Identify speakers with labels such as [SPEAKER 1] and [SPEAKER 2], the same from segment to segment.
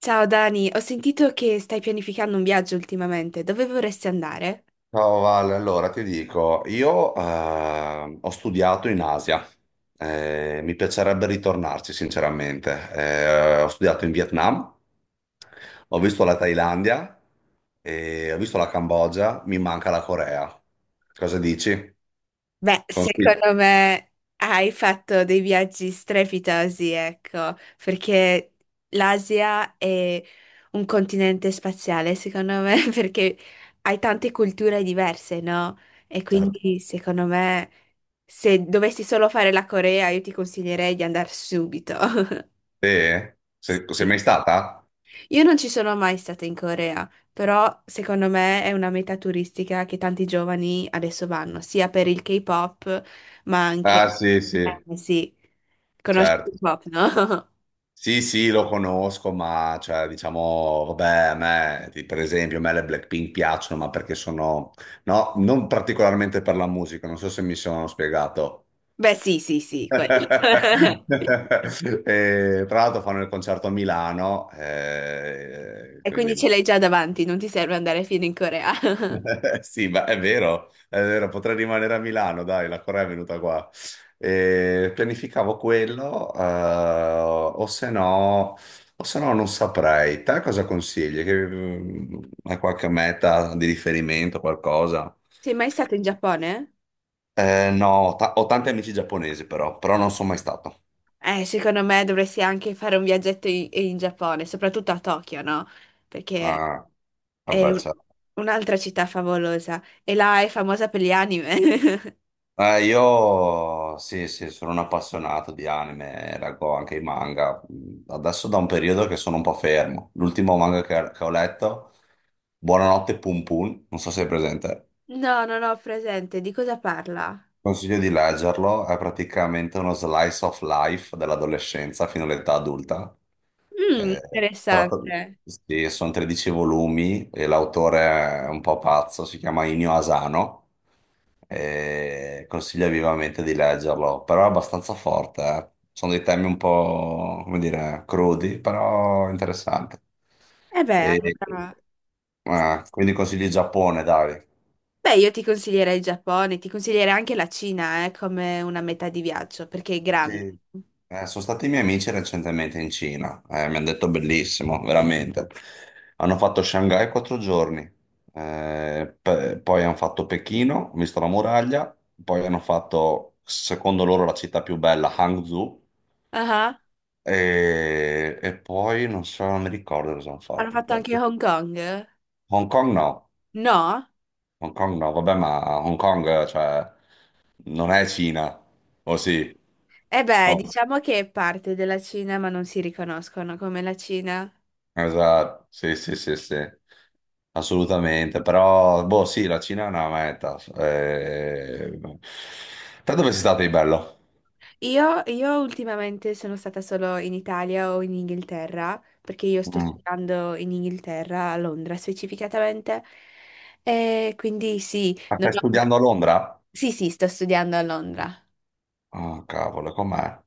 [SPEAKER 1] Ciao Dani, ho sentito che stai pianificando un viaggio ultimamente. Dove vorresti andare?
[SPEAKER 2] Ciao Vale, allora ti dico, io ho studiato in Asia. Mi piacerebbe ritornarci sinceramente. Ho studiato in Vietnam, ho visto la Thailandia, e ho visto la Cambogia, mi manca la Corea. Cosa dici?
[SPEAKER 1] Beh,
[SPEAKER 2] Consigli?
[SPEAKER 1] secondo me hai fatto dei viaggi strepitosi, ecco, perché l'Asia è un continente spaziale, secondo me, perché hai tante culture diverse, no? E
[SPEAKER 2] Certo.
[SPEAKER 1] quindi, secondo me, se dovessi solo fare la Corea, io ti consiglierei di andare subito.
[SPEAKER 2] Sì? Sei mai stata?
[SPEAKER 1] Io non ci sono mai stata in Corea, però secondo me è una meta turistica che tanti giovani adesso vanno, sia per il K-pop, ma
[SPEAKER 2] Ah
[SPEAKER 1] anche...
[SPEAKER 2] sì, sì, certo.
[SPEAKER 1] Sì, conosci il
[SPEAKER 2] Certo.
[SPEAKER 1] K-pop, no?
[SPEAKER 2] Sì, sì, lo conosco, ma cioè, diciamo, vabbè, a me, per esempio, a me le Blackpink piacciono, ma perché sono, no, non particolarmente per la musica, non so se mi sono spiegato.
[SPEAKER 1] Beh, sì, sì, sì, quello.
[SPEAKER 2] E, tra l'altro fanno il concerto a Milano,
[SPEAKER 1] E quindi
[SPEAKER 2] quindi
[SPEAKER 1] ce l'hai
[SPEAKER 2] boh.
[SPEAKER 1] già davanti, non ti serve andare fino in Corea.
[SPEAKER 2] Sì, ma è vero, potrei rimanere a Milano, dai, la Corea è venuta qua. E pianificavo quello, o se no non saprei. Te cosa consigli? Hai qualche meta di riferimento, qualcosa?
[SPEAKER 1] Sei mai stato in Giappone?
[SPEAKER 2] No, ho tanti amici giapponesi però non sono mai stato
[SPEAKER 1] Secondo me dovresti anche fare un viaggetto in Giappone, soprattutto a Tokyo, no? Perché
[SPEAKER 2] a, a
[SPEAKER 1] è
[SPEAKER 2] Versailles.
[SPEAKER 1] un'altra città favolosa e là è famosa per gli anime.
[SPEAKER 2] Io sì, sì, sono un appassionato di anime, leggo anche i manga. Adesso da un periodo che sono un po' fermo. L'ultimo manga che ho letto, Buonanotte Pum Pum, non so se è presente.
[SPEAKER 1] No, non ho presente. Di cosa parla?
[SPEAKER 2] Consiglio di leggerlo, è praticamente uno slice of life dell'adolescenza fino all'età adulta.
[SPEAKER 1] Mm,
[SPEAKER 2] Eh, tratta di-
[SPEAKER 1] interessante.
[SPEAKER 2] sì, sono 13 volumi e l'autore è un po' pazzo, si chiama Inio Asano. E consiglio vivamente di leggerlo, però è abbastanza forte. Sono dei temi un po', come dire, crudi, però interessanti.
[SPEAKER 1] E beh,
[SPEAKER 2] E,
[SPEAKER 1] allora...
[SPEAKER 2] quindi consigli Giappone, dai.
[SPEAKER 1] Beh, io ti consiglierei il Giappone, ti consiglierei anche la Cina, come una metà di viaggio, perché è grande.
[SPEAKER 2] Sì. Sono stati i miei amici recentemente in Cina, mi hanno detto bellissimo, veramente. Hanno fatto Shanghai quattro giorni, poi hanno fatto Pechino, ho visto la muraglia, poi hanno fatto, secondo loro, la città più bella, Hangzhou,
[SPEAKER 1] Ah,
[SPEAKER 2] e poi non so, non mi ricordo cosa hanno
[SPEAKER 1] hanno
[SPEAKER 2] fatto.
[SPEAKER 1] fatto
[SPEAKER 2] Poi.
[SPEAKER 1] anche Hong Kong?
[SPEAKER 2] Hong Kong no,
[SPEAKER 1] No?
[SPEAKER 2] Hong Kong no, vabbè, ma Hong Kong, cioè, non è Cina, o sì?
[SPEAKER 1] E beh,
[SPEAKER 2] No.
[SPEAKER 1] diciamo che è parte della Cina, ma non si riconoscono come la Cina.
[SPEAKER 2] Esatto, sì, sì, sì, sì, assolutamente, però, boh, sì, la Cina è una meta. Te dove sei stato di bello?
[SPEAKER 1] Io ultimamente sono stata solo in Italia o in Inghilterra, perché io sto
[SPEAKER 2] Mm.
[SPEAKER 1] studiando in Inghilterra, a Londra specificatamente, e quindi sì,
[SPEAKER 2] Ma
[SPEAKER 1] non
[SPEAKER 2] stai
[SPEAKER 1] ho-
[SPEAKER 2] studiando a Londra?
[SPEAKER 1] sì, sì, sto studiando a Londra.
[SPEAKER 2] Oh, cavolo, com'è?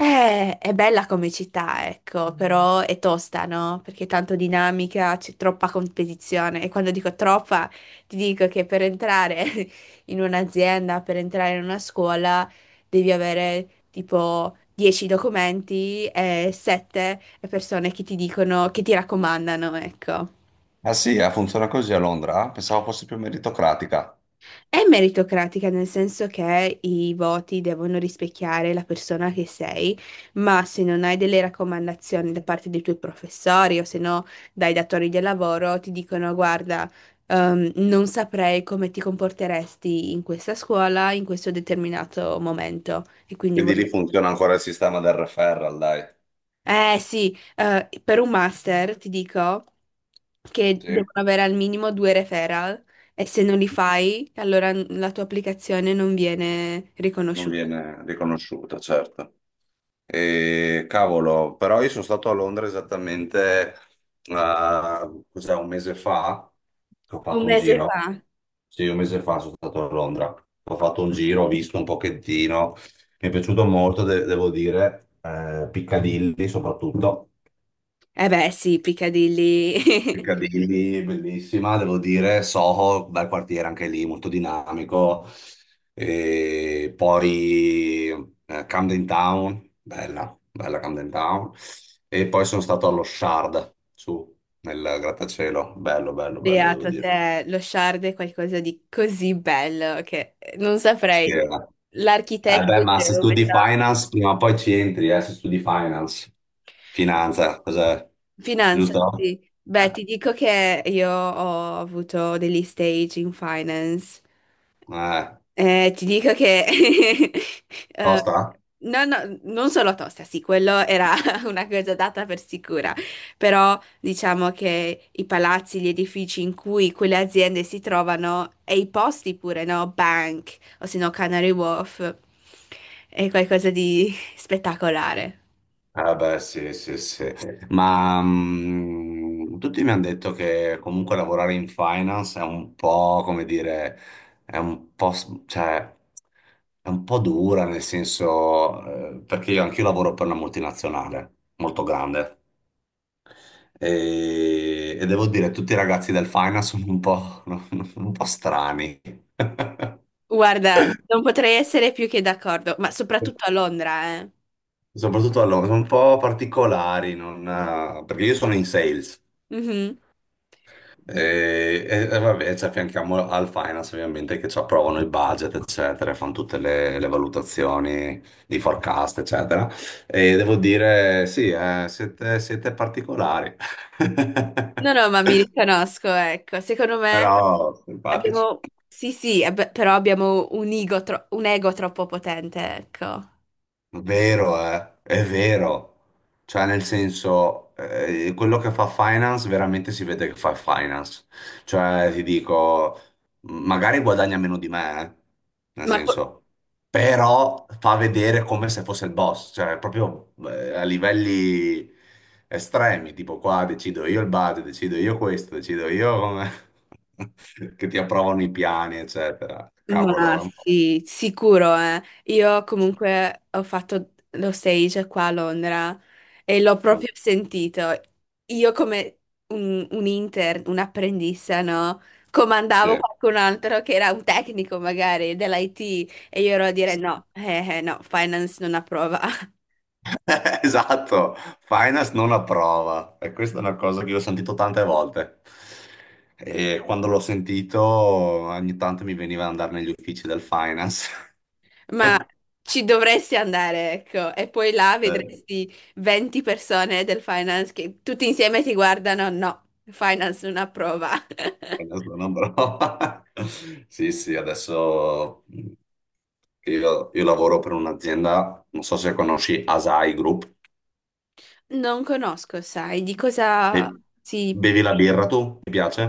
[SPEAKER 1] È bella come città, ecco. Mm. Però è tosta, no? Perché è tanto dinamica, c'è troppa competizione. E quando dico troppa, ti dico che per entrare in un'azienda, per entrare in una scuola, devi avere tipo 10 documenti e 7 persone che ti dicono, che ti raccomandano, ecco.
[SPEAKER 2] Ah sì, funziona così a Londra? Pensavo fosse più meritocratica.
[SPEAKER 1] È meritocratica nel senso che i voti devono rispecchiare la persona che sei, ma se non hai delle raccomandazioni da parte dei tuoi professori o se no dai datori di lavoro, ti dicono: guarda, non saprei come ti comporteresti in questa scuola in questo determinato momento. E quindi
[SPEAKER 2] Quindi lì
[SPEAKER 1] volevo
[SPEAKER 2] funziona ancora il sistema del referral, dai.
[SPEAKER 1] eh sì, per un master ti dico che
[SPEAKER 2] Sì.
[SPEAKER 1] devono avere al minimo due referral e se non li fai, allora la tua applicazione non viene
[SPEAKER 2] Non
[SPEAKER 1] riconosciuta.
[SPEAKER 2] viene riconosciuta, certo. E, cavolo, però io sono stato a Londra esattamente, ah, cos'è, un mese fa, che ho
[SPEAKER 1] Un
[SPEAKER 2] fatto un
[SPEAKER 1] mese
[SPEAKER 2] giro.
[SPEAKER 1] fa?
[SPEAKER 2] Sì, un mese fa sono stato a Londra. Ho fatto un giro, ho visto un pochettino. Mi è piaciuto molto, devo dire, Piccadilly soprattutto.
[SPEAKER 1] Eh beh sì, Piccadilly.
[SPEAKER 2] Piccadilly, bellissima, devo dire, Soho, bel quartiere anche lì, molto dinamico. E poi Camden Town, bella, bella Camden Town. E poi sono stato allo Shard, su, nel grattacielo, bello, bello, bello, devo
[SPEAKER 1] Beato
[SPEAKER 2] dire.
[SPEAKER 1] te, lo Shard è qualcosa di così bello che non
[SPEAKER 2] Sì,
[SPEAKER 1] saprei.
[SPEAKER 2] eh. Eh
[SPEAKER 1] L'architetto,
[SPEAKER 2] beh,
[SPEAKER 1] il
[SPEAKER 2] ma se studi
[SPEAKER 1] geometra,
[SPEAKER 2] finance, prima o poi ci entri, se studi finance. Finanza, cos'è?
[SPEAKER 1] finanza,
[SPEAKER 2] Giusto?
[SPEAKER 1] sì. Beh,
[SPEAKER 2] Eh,
[SPEAKER 1] ti dico che io ho avuto degli stage in finance.
[SPEAKER 2] eh,
[SPEAKER 1] Ti dico che
[SPEAKER 2] Costa?
[SPEAKER 1] no, no, non solo tosta, sì, quello era una cosa data per sicura, però diciamo che i palazzi, gli edifici in cui quelle aziende si trovano e i posti pure, no? Bank o se no Canary Wharf, è qualcosa di spettacolare.
[SPEAKER 2] Ah beh, sì, sì, sì. Ma tutti mi hanno detto che comunque lavorare in finance è un po', come dire, è un po', cioè, è un po' dura, nel senso, perché io anch'io lavoro per una multinazionale molto grande e devo dire, tutti i ragazzi del finance sono un po', un po' strani.
[SPEAKER 1] Guarda, non potrei essere più che d'accordo, ma soprattutto a Londra, eh.
[SPEAKER 2] Soprattutto allora, sono un po' particolari, non, perché io sono in sales.
[SPEAKER 1] Mhm.
[SPEAKER 2] E vabbè, ci affianchiamo al finance ovviamente che ci approvano il budget, eccetera, fanno tutte le valutazioni di forecast, eccetera. E devo dire, sì, siete particolari,
[SPEAKER 1] No, no, ma mi riconosco, ecco, secondo me.
[SPEAKER 2] però simpatici.
[SPEAKER 1] Abbiamo, sì, sì, però abbiamo un ego, un ego troppo potente, ecco.
[SPEAKER 2] Vero, è vero. Cioè, nel senso, quello che fa finance veramente si vede che fa finance. Cioè, ti dico, magari guadagna meno di me, nel
[SPEAKER 1] Ma, co-
[SPEAKER 2] senso, però fa vedere come se fosse il boss, cioè proprio a livelli estremi, tipo qua decido io il budget, decido io questo, decido io come... che ti approvano i piani, eccetera.
[SPEAKER 1] ma
[SPEAKER 2] Cavolo, è un po'...
[SPEAKER 1] sì, sicuro, eh. Io comunque ho fatto lo stage qua a Londra e l'ho
[SPEAKER 2] Mm,
[SPEAKER 1] proprio sentito. Io come un intern, un apprendista, no? Comandavo
[SPEAKER 2] sì.
[SPEAKER 1] qualcun altro che era un tecnico magari dell'IT e io ero a dire no, no, finance non approva.
[SPEAKER 2] Esatto, Finance non approva e questa è una cosa che io ho sentito tante volte e quando l'ho sentito ogni tanto mi veniva ad andare negli uffici del Finance.
[SPEAKER 1] Ma ci dovresti andare, ecco, e poi là
[SPEAKER 2] Eh,
[SPEAKER 1] vedresti 20 persone del finance che tutti insieme ti guardano, no, finance non approva.
[SPEAKER 2] Finance non approva. Sì, sì, adesso che io lavoro per un'azienda, non so se conosci Asai Group.
[SPEAKER 1] Non conosco, sai, di
[SPEAKER 2] Be-
[SPEAKER 1] cosa si...
[SPEAKER 2] Bevi la birra tu? Ti piace?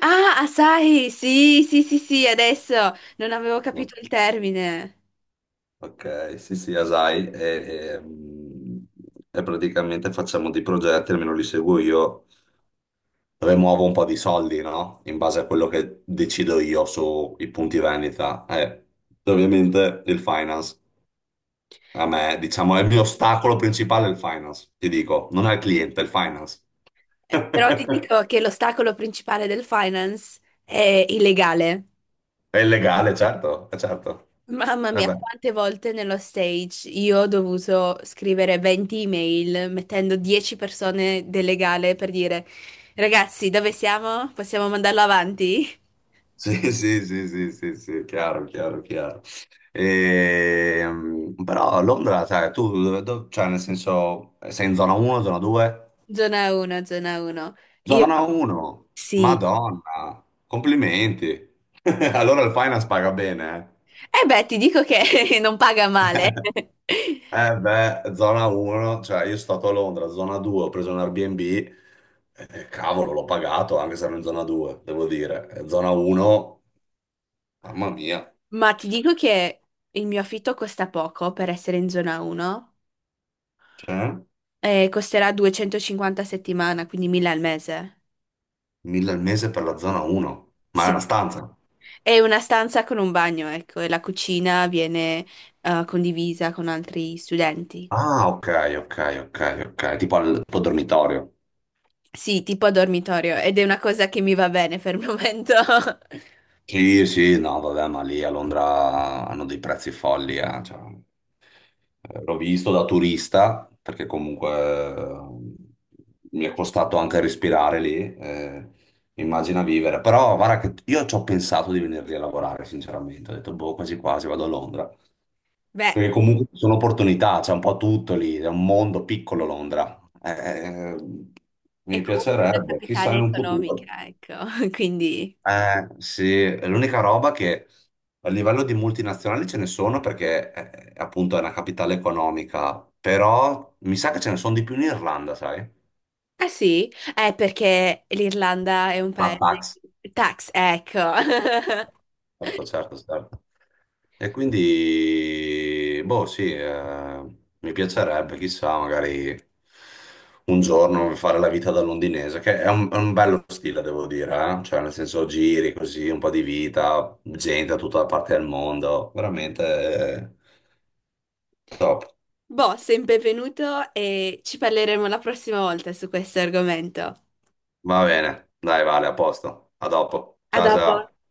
[SPEAKER 1] Ah, ah, sai, sì, sì, sì, sì, adesso non avevo
[SPEAKER 2] No.
[SPEAKER 1] capito il termine.
[SPEAKER 2] Ok, sì, sì, Asai, e, mm, e praticamente facciamo dei progetti, almeno li seguo io, rimuovo un po' di soldi, no? In base a quello che decido io sui punti vendita. E ovviamente il finance, a me, diciamo, è il mio ostacolo principale il finance, ti dico, non è il cliente, è il finance.
[SPEAKER 1] Però ti dico che l'ostacolo principale del finance è illegale.
[SPEAKER 2] È illegale, certo, certo.
[SPEAKER 1] Mamma mia, quante volte nello stage io ho dovuto scrivere 20 email mettendo 10 persone del legale per dire ragazzi, dove siamo? Possiamo mandarlo avanti?
[SPEAKER 2] Sì, sì, sì, sì, sì, sì, chiaro, chiaro, chiaro. Però a Londra, sai, tu, cioè, nel senso, sei in zona 1, zona 2?
[SPEAKER 1] Zona 1, zona 1. Io
[SPEAKER 2] Zona 1,
[SPEAKER 1] sì.
[SPEAKER 2] Madonna, complimenti. Allora il finance paga bene,
[SPEAKER 1] E beh, ti dico che non paga
[SPEAKER 2] eh.
[SPEAKER 1] male.
[SPEAKER 2] Eh beh, zona 1, cioè io sono stato a Londra, zona 2, ho preso un Airbnb, cavolo, l'ho pagato anche se ero in zona 2, devo dire. Zona 1, mamma mia.
[SPEAKER 1] Ma ti dico che il mio affitto costa poco per essere in zona 1
[SPEAKER 2] Cioè?
[SPEAKER 1] e costerà 250 a settimana, quindi 1000 al mese.
[SPEAKER 2] 1.000 al mese per la zona 1, ma è una
[SPEAKER 1] Sì.
[SPEAKER 2] stanza.
[SPEAKER 1] È una stanza con un bagno, ecco, e la cucina viene condivisa con altri studenti.
[SPEAKER 2] Ah, ok, ok, ok, ok, tipo al tuo dormitorio.
[SPEAKER 1] Sì, tipo a dormitorio, ed è una cosa che mi va bene per il momento.
[SPEAKER 2] Sì, sì, no, vabbè, ma lì a Londra hanno dei prezzi folli, cioè, l'ho visto da turista, perché comunque mi è costato anche respirare lì, immagina vivere. Però guarda che io ci ho pensato di venire lì a lavorare, sinceramente, ho detto, boh, quasi quasi vado a Londra.
[SPEAKER 1] Beh,
[SPEAKER 2] Perché comunque ci sono opportunità, c'è un po' tutto lì, è un mondo piccolo Londra.
[SPEAKER 1] è
[SPEAKER 2] Mi
[SPEAKER 1] comunque la
[SPEAKER 2] piacerebbe, chissà
[SPEAKER 1] capitale
[SPEAKER 2] in un futuro.
[SPEAKER 1] economica, ecco, quindi...
[SPEAKER 2] Sì, è l'unica roba che a livello di multinazionali ce ne sono perché appunto è una capitale economica, però mi sa che ce ne sono di più in Irlanda, sai?
[SPEAKER 1] Ah sì? È perché l'Irlanda è un paese...
[SPEAKER 2] La
[SPEAKER 1] Tax, ecco.
[SPEAKER 2] Certo, certo, certo. E quindi, boh, sì, mi piacerebbe, chissà, magari un giorno fare la vita da londinese, che è un bello stile, devo dire. Cioè, nel senso, giri così, un po' di vita, gente da tutta la parte del mondo, veramente top.
[SPEAKER 1] Boh, sei benvenuto e ci parleremo la prossima volta su questo argomento.
[SPEAKER 2] Va bene, dai, Vale, a posto. A dopo.
[SPEAKER 1] A
[SPEAKER 2] Ciao,
[SPEAKER 1] dopo.
[SPEAKER 2] ciao.